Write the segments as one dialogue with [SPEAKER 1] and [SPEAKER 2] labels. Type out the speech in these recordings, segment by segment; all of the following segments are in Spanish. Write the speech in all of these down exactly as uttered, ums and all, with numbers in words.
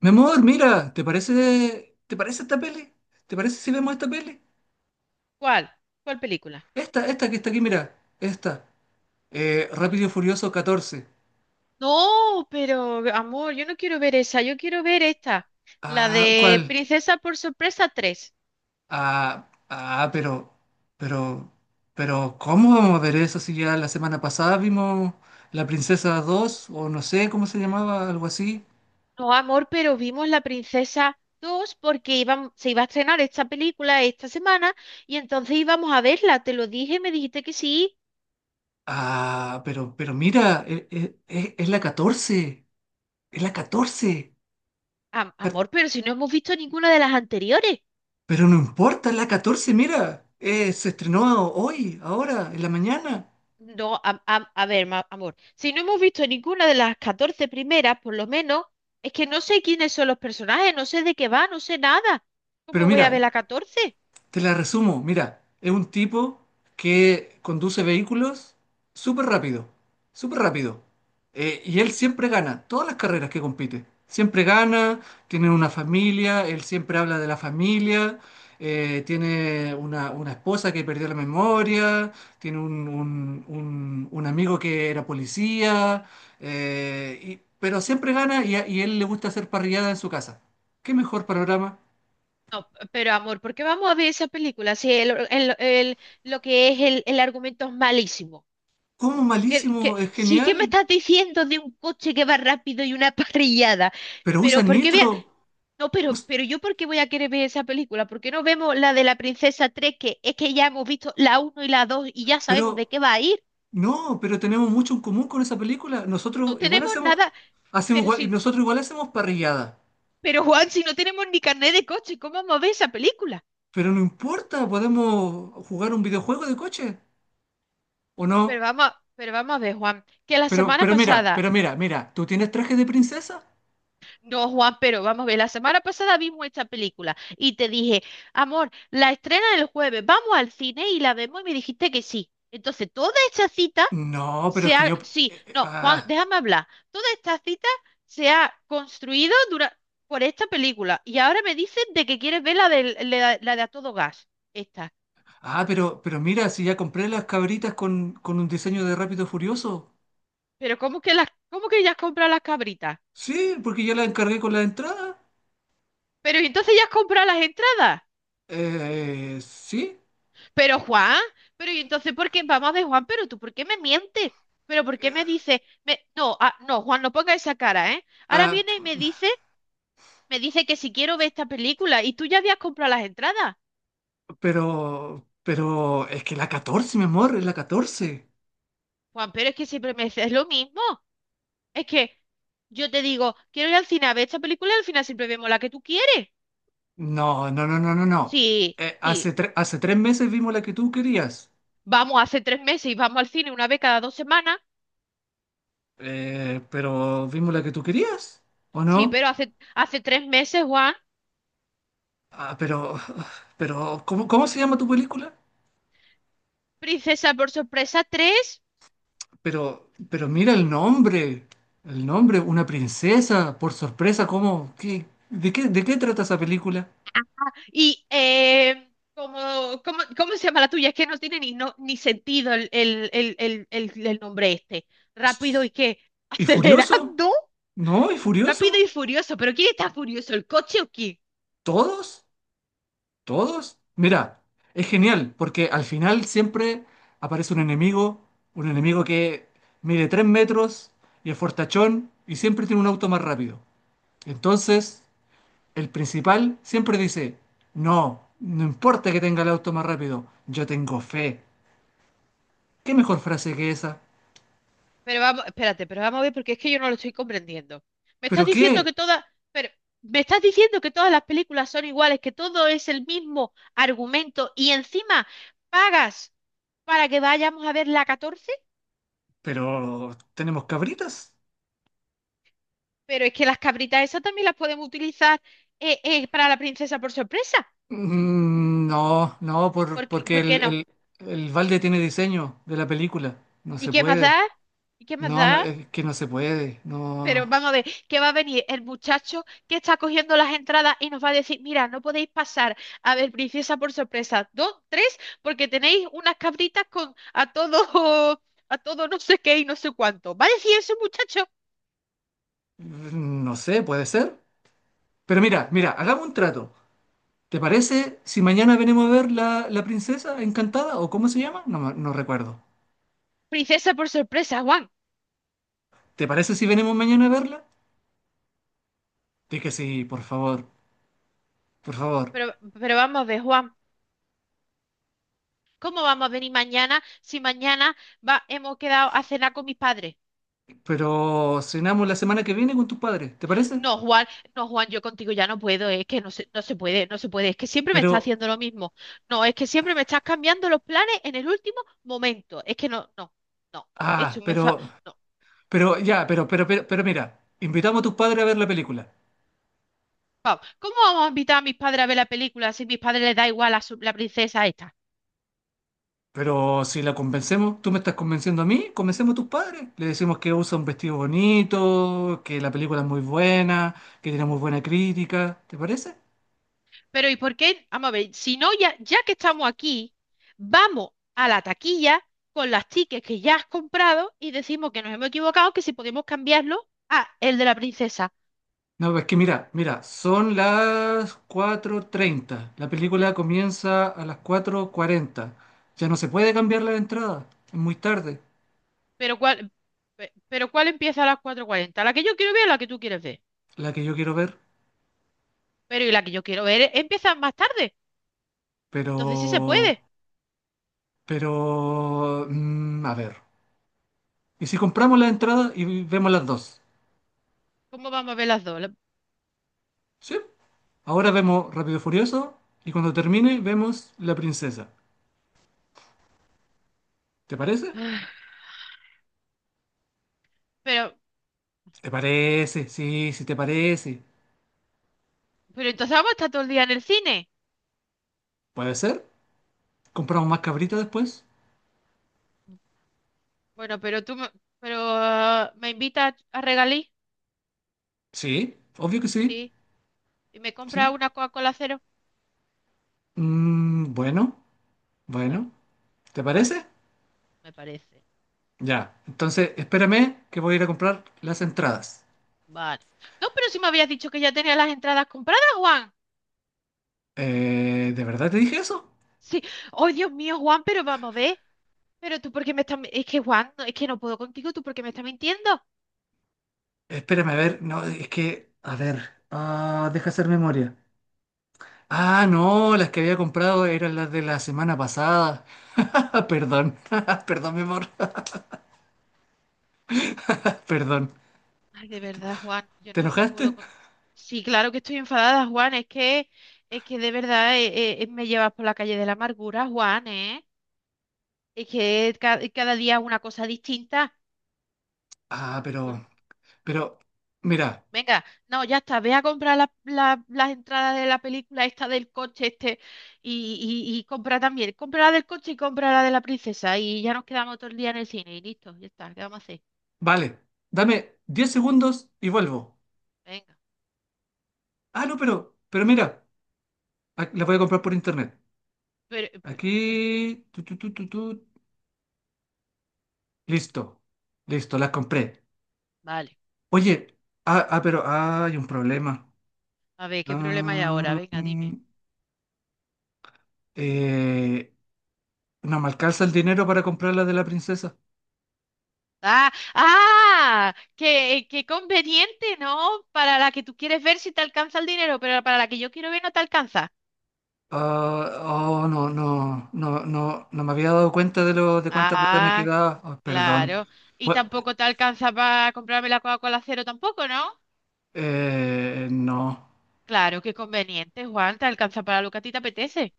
[SPEAKER 1] Mi amor, mira, ¿te parece, te parece esta peli? ¿Te parece si vemos esta peli?
[SPEAKER 2] ¿Cuál? ¿Cuál película?
[SPEAKER 1] Esta, esta que está aquí, mira, esta. Eh, Rápido y Furioso catorce?
[SPEAKER 2] No, pero amor, yo no quiero ver esa, yo quiero ver esta, la
[SPEAKER 1] Ah,
[SPEAKER 2] de
[SPEAKER 1] ¿cuál?
[SPEAKER 2] Princesa por Sorpresa tres.
[SPEAKER 1] Ah, ah, pero, pero, pero, ¿cómo vamos a ver eso si ya la semana pasada vimos La Princesa dos o no sé cómo se llamaba, algo así?
[SPEAKER 2] No, amor, pero vimos La Princesa dos porque iban- se iba a estrenar esta película esta semana y entonces íbamos a verla, te lo dije, me dijiste que sí.
[SPEAKER 1] Ah, pero, pero mira, e- e- e- es, la catorce, es la catorce.
[SPEAKER 2] Am- amor, pero si no hemos visto ninguna de las anteriores.
[SPEAKER 1] Pero no importa, es la catorce, mira, eh, se estrenó hoy, ahora, en la mañana.
[SPEAKER 2] No, a, a- a ver, ma- amor, si no hemos visto ninguna de las catorce primeras, por lo menos, es que no sé quiénes son los personajes, no sé de qué va, no sé nada.
[SPEAKER 1] Pero
[SPEAKER 2] ¿Cómo voy
[SPEAKER 1] mira,
[SPEAKER 2] a ver la catorce?
[SPEAKER 1] te la resumo, mira, es un tipo que conduce vehículos súper rápido, súper rápido. Eh, y él siempre gana, todas las carreras que compite. Siempre gana, tiene una familia, él siempre habla de la familia, eh, tiene una, una esposa que perdió la memoria, tiene un, un- un- un amigo que era policía, eh, y- pero siempre gana y a y él le gusta hacer parrillada en su casa. ¿Qué mejor panorama?
[SPEAKER 2] No, pero amor, ¿por qué vamos a ver esa película si el, el- el- lo que es el, el argumento es malísimo?
[SPEAKER 1] ¿Cómo
[SPEAKER 2] Que, que,
[SPEAKER 1] malísimo? Es
[SPEAKER 2] sí, que me
[SPEAKER 1] genial.
[SPEAKER 2] estás diciendo de un coche que va rápido y una parrillada.
[SPEAKER 1] Pero
[SPEAKER 2] Pero
[SPEAKER 1] usan
[SPEAKER 2] ¿por qué, voy
[SPEAKER 1] nitro.
[SPEAKER 2] No, pero,
[SPEAKER 1] us-
[SPEAKER 2] pero yo, ¿por qué voy a querer ver esa película? ¿Por qué no vemos la de la princesa tres? Que es que ya hemos visto la uno y la dos y ya sabemos de
[SPEAKER 1] pero
[SPEAKER 2] qué va a ir.
[SPEAKER 1] no, pero tenemos mucho en común con esa película.
[SPEAKER 2] No
[SPEAKER 1] Nosotros igual
[SPEAKER 2] tenemos
[SPEAKER 1] hacemos,
[SPEAKER 2] nada,
[SPEAKER 1] hacemos
[SPEAKER 2] pero
[SPEAKER 1] igual-
[SPEAKER 2] si,
[SPEAKER 1] y nosotros igual hacemos parrillada.
[SPEAKER 2] pero Juan, si no tenemos ni carnet de coche, ¿cómo vamos a ver esa película?
[SPEAKER 1] Pero no importa, podemos jugar un videojuego de coche o
[SPEAKER 2] Pero
[SPEAKER 1] no.
[SPEAKER 2] vamos, a- pero vamos a ver, Juan, que la
[SPEAKER 1] Pero,
[SPEAKER 2] semana
[SPEAKER 1] pero mira,
[SPEAKER 2] pasada.
[SPEAKER 1] pero mira, mira, ¿tú tienes traje de princesa?
[SPEAKER 2] No, Juan, pero vamos a ver, la semana pasada vimos esta película y te dije, amor, la estrena el jueves, vamos al cine y la vemos y me dijiste que sí. Entonces, toda esta cita
[SPEAKER 1] No, pero es
[SPEAKER 2] se
[SPEAKER 1] que
[SPEAKER 2] ha...
[SPEAKER 1] yo.
[SPEAKER 2] Sí,
[SPEAKER 1] eh, eh,
[SPEAKER 2] no, Juan,
[SPEAKER 1] ah,
[SPEAKER 2] déjame hablar. Toda esta cita se ha construido dura- por esta película y ahora me dicen de que quieres ver la de, la, la de A Todo Gas, esta.
[SPEAKER 1] ah, pero, pero mira, si ya compré las cabritas con, con un diseño de Rápido y Furioso.
[SPEAKER 2] Pero ¿cómo que las, cómo que ya has comprado las cabritas?
[SPEAKER 1] Sí, porque ya las encargué con la entrada.
[SPEAKER 2] Pero ¿y entonces ya has comprado las entradas?
[SPEAKER 1] Eh, sí.
[SPEAKER 2] Pero Juan, pero y entonces, ¿por qué? Vamos a ver, Juan, pero tú, ¿por qué me mientes? ¿Pero por qué me dice? Me... No, ah, no, Juan, no ponga esa cara, ¿eh? Ahora
[SPEAKER 1] Ah,
[SPEAKER 2] viene y me dice, me dice que si quiero ver esta película y tú ya habías comprado las entradas.
[SPEAKER 1] Pero, pero es que la catorce, mi amor, es la catorce.
[SPEAKER 2] Juan, pero es que siempre me dices lo mismo. Es que yo te digo, quiero ir al cine a ver esta película y al final siempre vemos la que tú quieres.
[SPEAKER 1] No, no, no, no, no, no.
[SPEAKER 2] Sí,
[SPEAKER 1] Eh,
[SPEAKER 2] sí.
[SPEAKER 1] hace, tre- hace tres meses vimos la que tú querías.
[SPEAKER 2] Vamos, hace tres meses y vamos al cine una vez cada dos semanas.
[SPEAKER 1] Eh, pero vimos la que tú querías, ¿o
[SPEAKER 2] Sí,
[SPEAKER 1] no?
[SPEAKER 2] pero hace, hace tres meses, Juan.
[SPEAKER 1] Ah, pero, pero, ¿cómo, cómo se llama tu película?
[SPEAKER 2] Princesa por Sorpresa tres.
[SPEAKER 1] Pero, pero mira el nombre. El nombre, una princesa, por sorpresa, ¿cómo? ¿Qué, de qué, de qué trata esa película?
[SPEAKER 2] Y eh, como, como- ¿cómo se llama la tuya? Es que no tiene ni, no, ni sentido el, el, el, el, el, el nombre este. Rápido y qué,
[SPEAKER 1] ¿Y Furioso?
[SPEAKER 2] acelerando.
[SPEAKER 1] ¿No? ¿Y
[SPEAKER 2] Rápido
[SPEAKER 1] Furioso?
[SPEAKER 2] y Furioso. ¿Pero quién está furioso? ¿El coche o quién?
[SPEAKER 1] ¿Todos? ¿Todos? Mira, es genial, porque al final siempre aparece un enemigo, un enemigo que mide tres metros y es fortachón y siempre tiene un auto más rápido. Entonces, el principal siempre dice, no, no importa que tenga el auto más rápido, yo tengo fe. ¿Qué mejor frase que esa?
[SPEAKER 2] Pero vamos, espérate, pero vamos a ver porque es que yo no lo estoy comprendiendo. Me estás
[SPEAKER 1] ¿Pero
[SPEAKER 2] diciendo
[SPEAKER 1] qué?
[SPEAKER 2] que todas, pero me estás diciendo que todas las películas son iguales, que todo es el mismo argumento y encima pagas para que vayamos a ver la catorce.
[SPEAKER 1] ¿Pero tenemos cabritas?
[SPEAKER 2] Pero es que las cabritas esas también las podemos utilizar, eh, eh, para la princesa por sorpresa.
[SPEAKER 1] Mm, No, no, por-
[SPEAKER 2] ¿Por qué,
[SPEAKER 1] porque
[SPEAKER 2] por qué
[SPEAKER 1] el,
[SPEAKER 2] no?
[SPEAKER 1] el, el balde tiene diseño de la película, no
[SPEAKER 2] ¿Y
[SPEAKER 1] se
[SPEAKER 2] qué más
[SPEAKER 1] puede.
[SPEAKER 2] da? ¿Y qué más
[SPEAKER 1] No, no,
[SPEAKER 2] da?
[SPEAKER 1] es que no se puede.
[SPEAKER 2] Pero
[SPEAKER 1] No,
[SPEAKER 2] vamos a ver, ¿qué va a venir el muchacho que está cogiendo las entradas y nos va a decir, mira, no podéis pasar a ver princesa por sorpresa dos, tres, porque tenéis unas cabritas con a todo, a todo no sé qué y no sé cuánto? ¿Va a decir ese muchacho?
[SPEAKER 1] no sé, puede ser. Pero mira, mira, hagamos un trato. ¿Te parece si mañana venimos a ver la, la princesa encantada o cómo se llama? No, me- no recuerdo.
[SPEAKER 2] Princesa por Sorpresa, Juan.
[SPEAKER 1] ¿Te parece si venimos mañana a verla? Di que sí, por favor, por favor.
[SPEAKER 2] Pero, pero vamos a ver, Juan. ¿Cómo vamos a venir mañana si mañana va- hemos quedado a cenar con mis padres?
[SPEAKER 1] Pero cenamos la semana que viene con tus padres, ¿te parece?
[SPEAKER 2] No, Juan, no, Juan, yo contigo ya no puedo, es que no se, no se puede, no se puede, es que siempre me
[SPEAKER 1] Pero,
[SPEAKER 2] estás haciendo lo mismo. No, es que siempre me estás cambiando los planes en el último momento. Es que no, no, no,
[SPEAKER 1] ah,
[SPEAKER 2] esto me fa...
[SPEAKER 1] pero,
[SPEAKER 2] No,
[SPEAKER 1] pero, ya, pero, pero, pero, pero mira, invitamos a tus padres a ver la película.
[SPEAKER 2] vamos, ¿cómo vamos a invitar a mis padres a ver la película si a mis padres les da igual a su- la princesa esta?
[SPEAKER 1] Pero si la convencemos, tú me estás convenciendo a mí, convencemos a tus padres. Le decimos que usa un vestido bonito, que la película es muy buena, que tiene muy buena crítica. ¿Te parece?
[SPEAKER 2] Pero ¿y por qué? Vamos a ver, si no, ya, ya que estamos aquí, vamos a la taquilla con las tickets que ya has comprado y decimos que nos hemos equivocado, que si podemos cambiarlo a el de la princesa.
[SPEAKER 1] No, es que mira, mira, son las cuatro treinta. La película comienza a las cuatro cuarenta. Ya no se puede cambiar la entrada. Es muy tarde,
[SPEAKER 2] Pero ¿cuál, pe- pero ¿cuál empieza a las cuatro cuarenta? ¿La que yo quiero ver o la que tú quieres ver?
[SPEAKER 1] la que yo quiero ver.
[SPEAKER 2] Pero y la que yo quiero ver empieza más tarde.
[SPEAKER 1] Pero,
[SPEAKER 2] Entonces sí se puede.
[SPEAKER 1] pero, mm, a ver. ¿Y si compramos la entrada y vemos las dos?
[SPEAKER 2] ¿Cómo vamos a ver las dos? La-
[SPEAKER 1] ¿Sí? Ahora vemos Rápido y Furioso y cuando termine vemos La Princesa. ¿Te parece?
[SPEAKER 2] Pero,
[SPEAKER 1] ¿Te parece? Sí, sí te parece.
[SPEAKER 2] pero entonces vamos a estar todo el día en el cine.
[SPEAKER 1] ¿Puede ser? ¿Compramos más cabritas después?
[SPEAKER 2] Bueno, pero tú me, pero, ah, me invitas a regalí,
[SPEAKER 1] Sí, obvio que sí.
[SPEAKER 2] sí, y me
[SPEAKER 1] Sí.
[SPEAKER 2] compras una Coca-Cola cero.
[SPEAKER 1] Mm, bueno,
[SPEAKER 2] Vale,
[SPEAKER 1] bueno. ¿Te
[SPEAKER 2] vale,
[SPEAKER 1] parece?
[SPEAKER 2] me parece.
[SPEAKER 1] Ya. Entonces, espérame que voy a ir a comprar las entradas.
[SPEAKER 2] Vale. No, pero si me habías dicho que ya tenía las entradas compradas, Juan.
[SPEAKER 1] Eh, ¿de verdad te dije eso?
[SPEAKER 2] Sí. Oh, Dios mío, Juan, pero vamos a ver. Pero tú, ¿por qué me estás...? mi- Es que, Juan, no- es que no puedo contigo. ¿Tú por qué me estás mintiendo?
[SPEAKER 1] Espérame, a ver. No, es que, a ver. Ah, deja hacer memoria. Ah, no, las que había comprado eran las de la semana pasada. Ah, perdón, perdón, mi amor, perdón.
[SPEAKER 2] Ay, de verdad, Juan, yo
[SPEAKER 1] ¿Te
[SPEAKER 2] no, no puedo
[SPEAKER 1] enojaste?
[SPEAKER 2] con... Sí, claro que estoy enfadada, Juan. Es que, es que de verdad eh, eh, eh, me llevas por la calle de la amargura, Juan, ¿eh? Es que ca- cada día una cosa distinta.
[SPEAKER 1] Ah, pero,
[SPEAKER 2] Pues,
[SPEAKER 1] pero, mira,
[SPEAKER 2] venga, no, ya está, ve a comprar la- la- las entradas de la película esta del coche este y, y, y compra también, compra la del coche y compra la de la princesa y ya nos quedamos todo el día en el cine y listo, ya está, ¿qué vamos a hacer?
[SPEAKER 1] vale, dame diez segundos y vuelvo.
[SPEAKER 2] Venga,
[SPEAKER 1] Ah, no, pero, pero mira, ah, la voy a comprar por internet.
[SPEAKER 2] pero, eh,
[SPEAKER 1] Aquí, tu, tu, tu, tu, tu. Listo, listo, la compré.
[SPEAKER 2] vale,
[SPEAKER 1] Oye, ah, ah, pero ah, hay un problema.
[SPEAKER 2] a ver, ¿qué problema hay ahora?
[SPEAKER 1] Ah,
[SPEAKER 2] Venga,
[SPEAKER 1] mm,
[SPEAKER 2] dime.
[SPEAKER 1] eh, no me alcanza el dinero para comprar la de la princesa.
[SPEAKER 2] Ah, ah, qué, qué conveniente, ¿no? Para la que tú quieres ver si te alcanza el dinero, pero para la que yo quiero ver no te alcanza.
[SPEAKER 1] Ah, oh, no, no, no, no, no me había dado cuenta de lo de cuánta plata me
[SPEAKER 2] Ah,
[SPEAKER 1] quedaba. Oh, perdón.
[SPEAKER 2] claro. Y
[SPEAKER 1] Pues,
[SPEAKER 2] tampoco te alcanza para comprarme la Coca-Cola cero tampoco, ¿no?
[SPEAKER 1] eh, no.
[SPEAKER 2] Claro, qué conveniente, Juan, te alcanza para lo que a ti te apetece.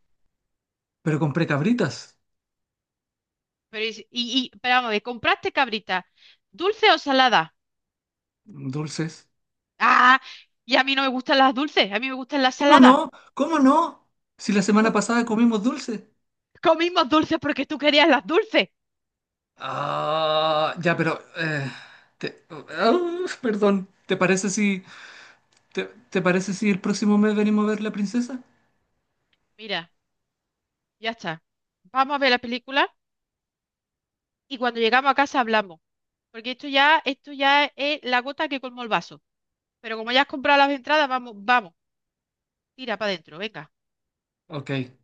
[SPEAKER 1] Pero compré cabritas,
[SPEAKER 2] Pero, y, y, y- pero vamos a ver, ¿compraste cabrita? ¿Dulce o salada?
[SPEAKER 1] dulces.
[SPEAKER 2] Ah, y a mí no me gustan las dulces, a mí me gustan las
[SPEAKER 1] ¿Cómo
[SPEAKER 2] saladas.
[SPEAKER 1] no? ¿Cómo no? Si la semana
[SPEAKER 2] Com-
[SPEAKER 1] pasada comimos dulces.
[SPEAKER 2] Comimos dulces porque tú querías las dulces.
[SPEAKER 1] Ah, ya, pero eh, te- ah, perdón. ¿Te parece si te, te parece si el próximo mes venimos a ver la princesa?
[SPEAKER 2] Mira, ya está. Vamos a ver la película y cuando llegamos a casa hablamos. Porque esto ya, esto ya es la gota que colmó el vaso. Pero como ya has comprado las entradas, vamos, vamos, tira para adentro, venga.
[SPEAKER 1] OK.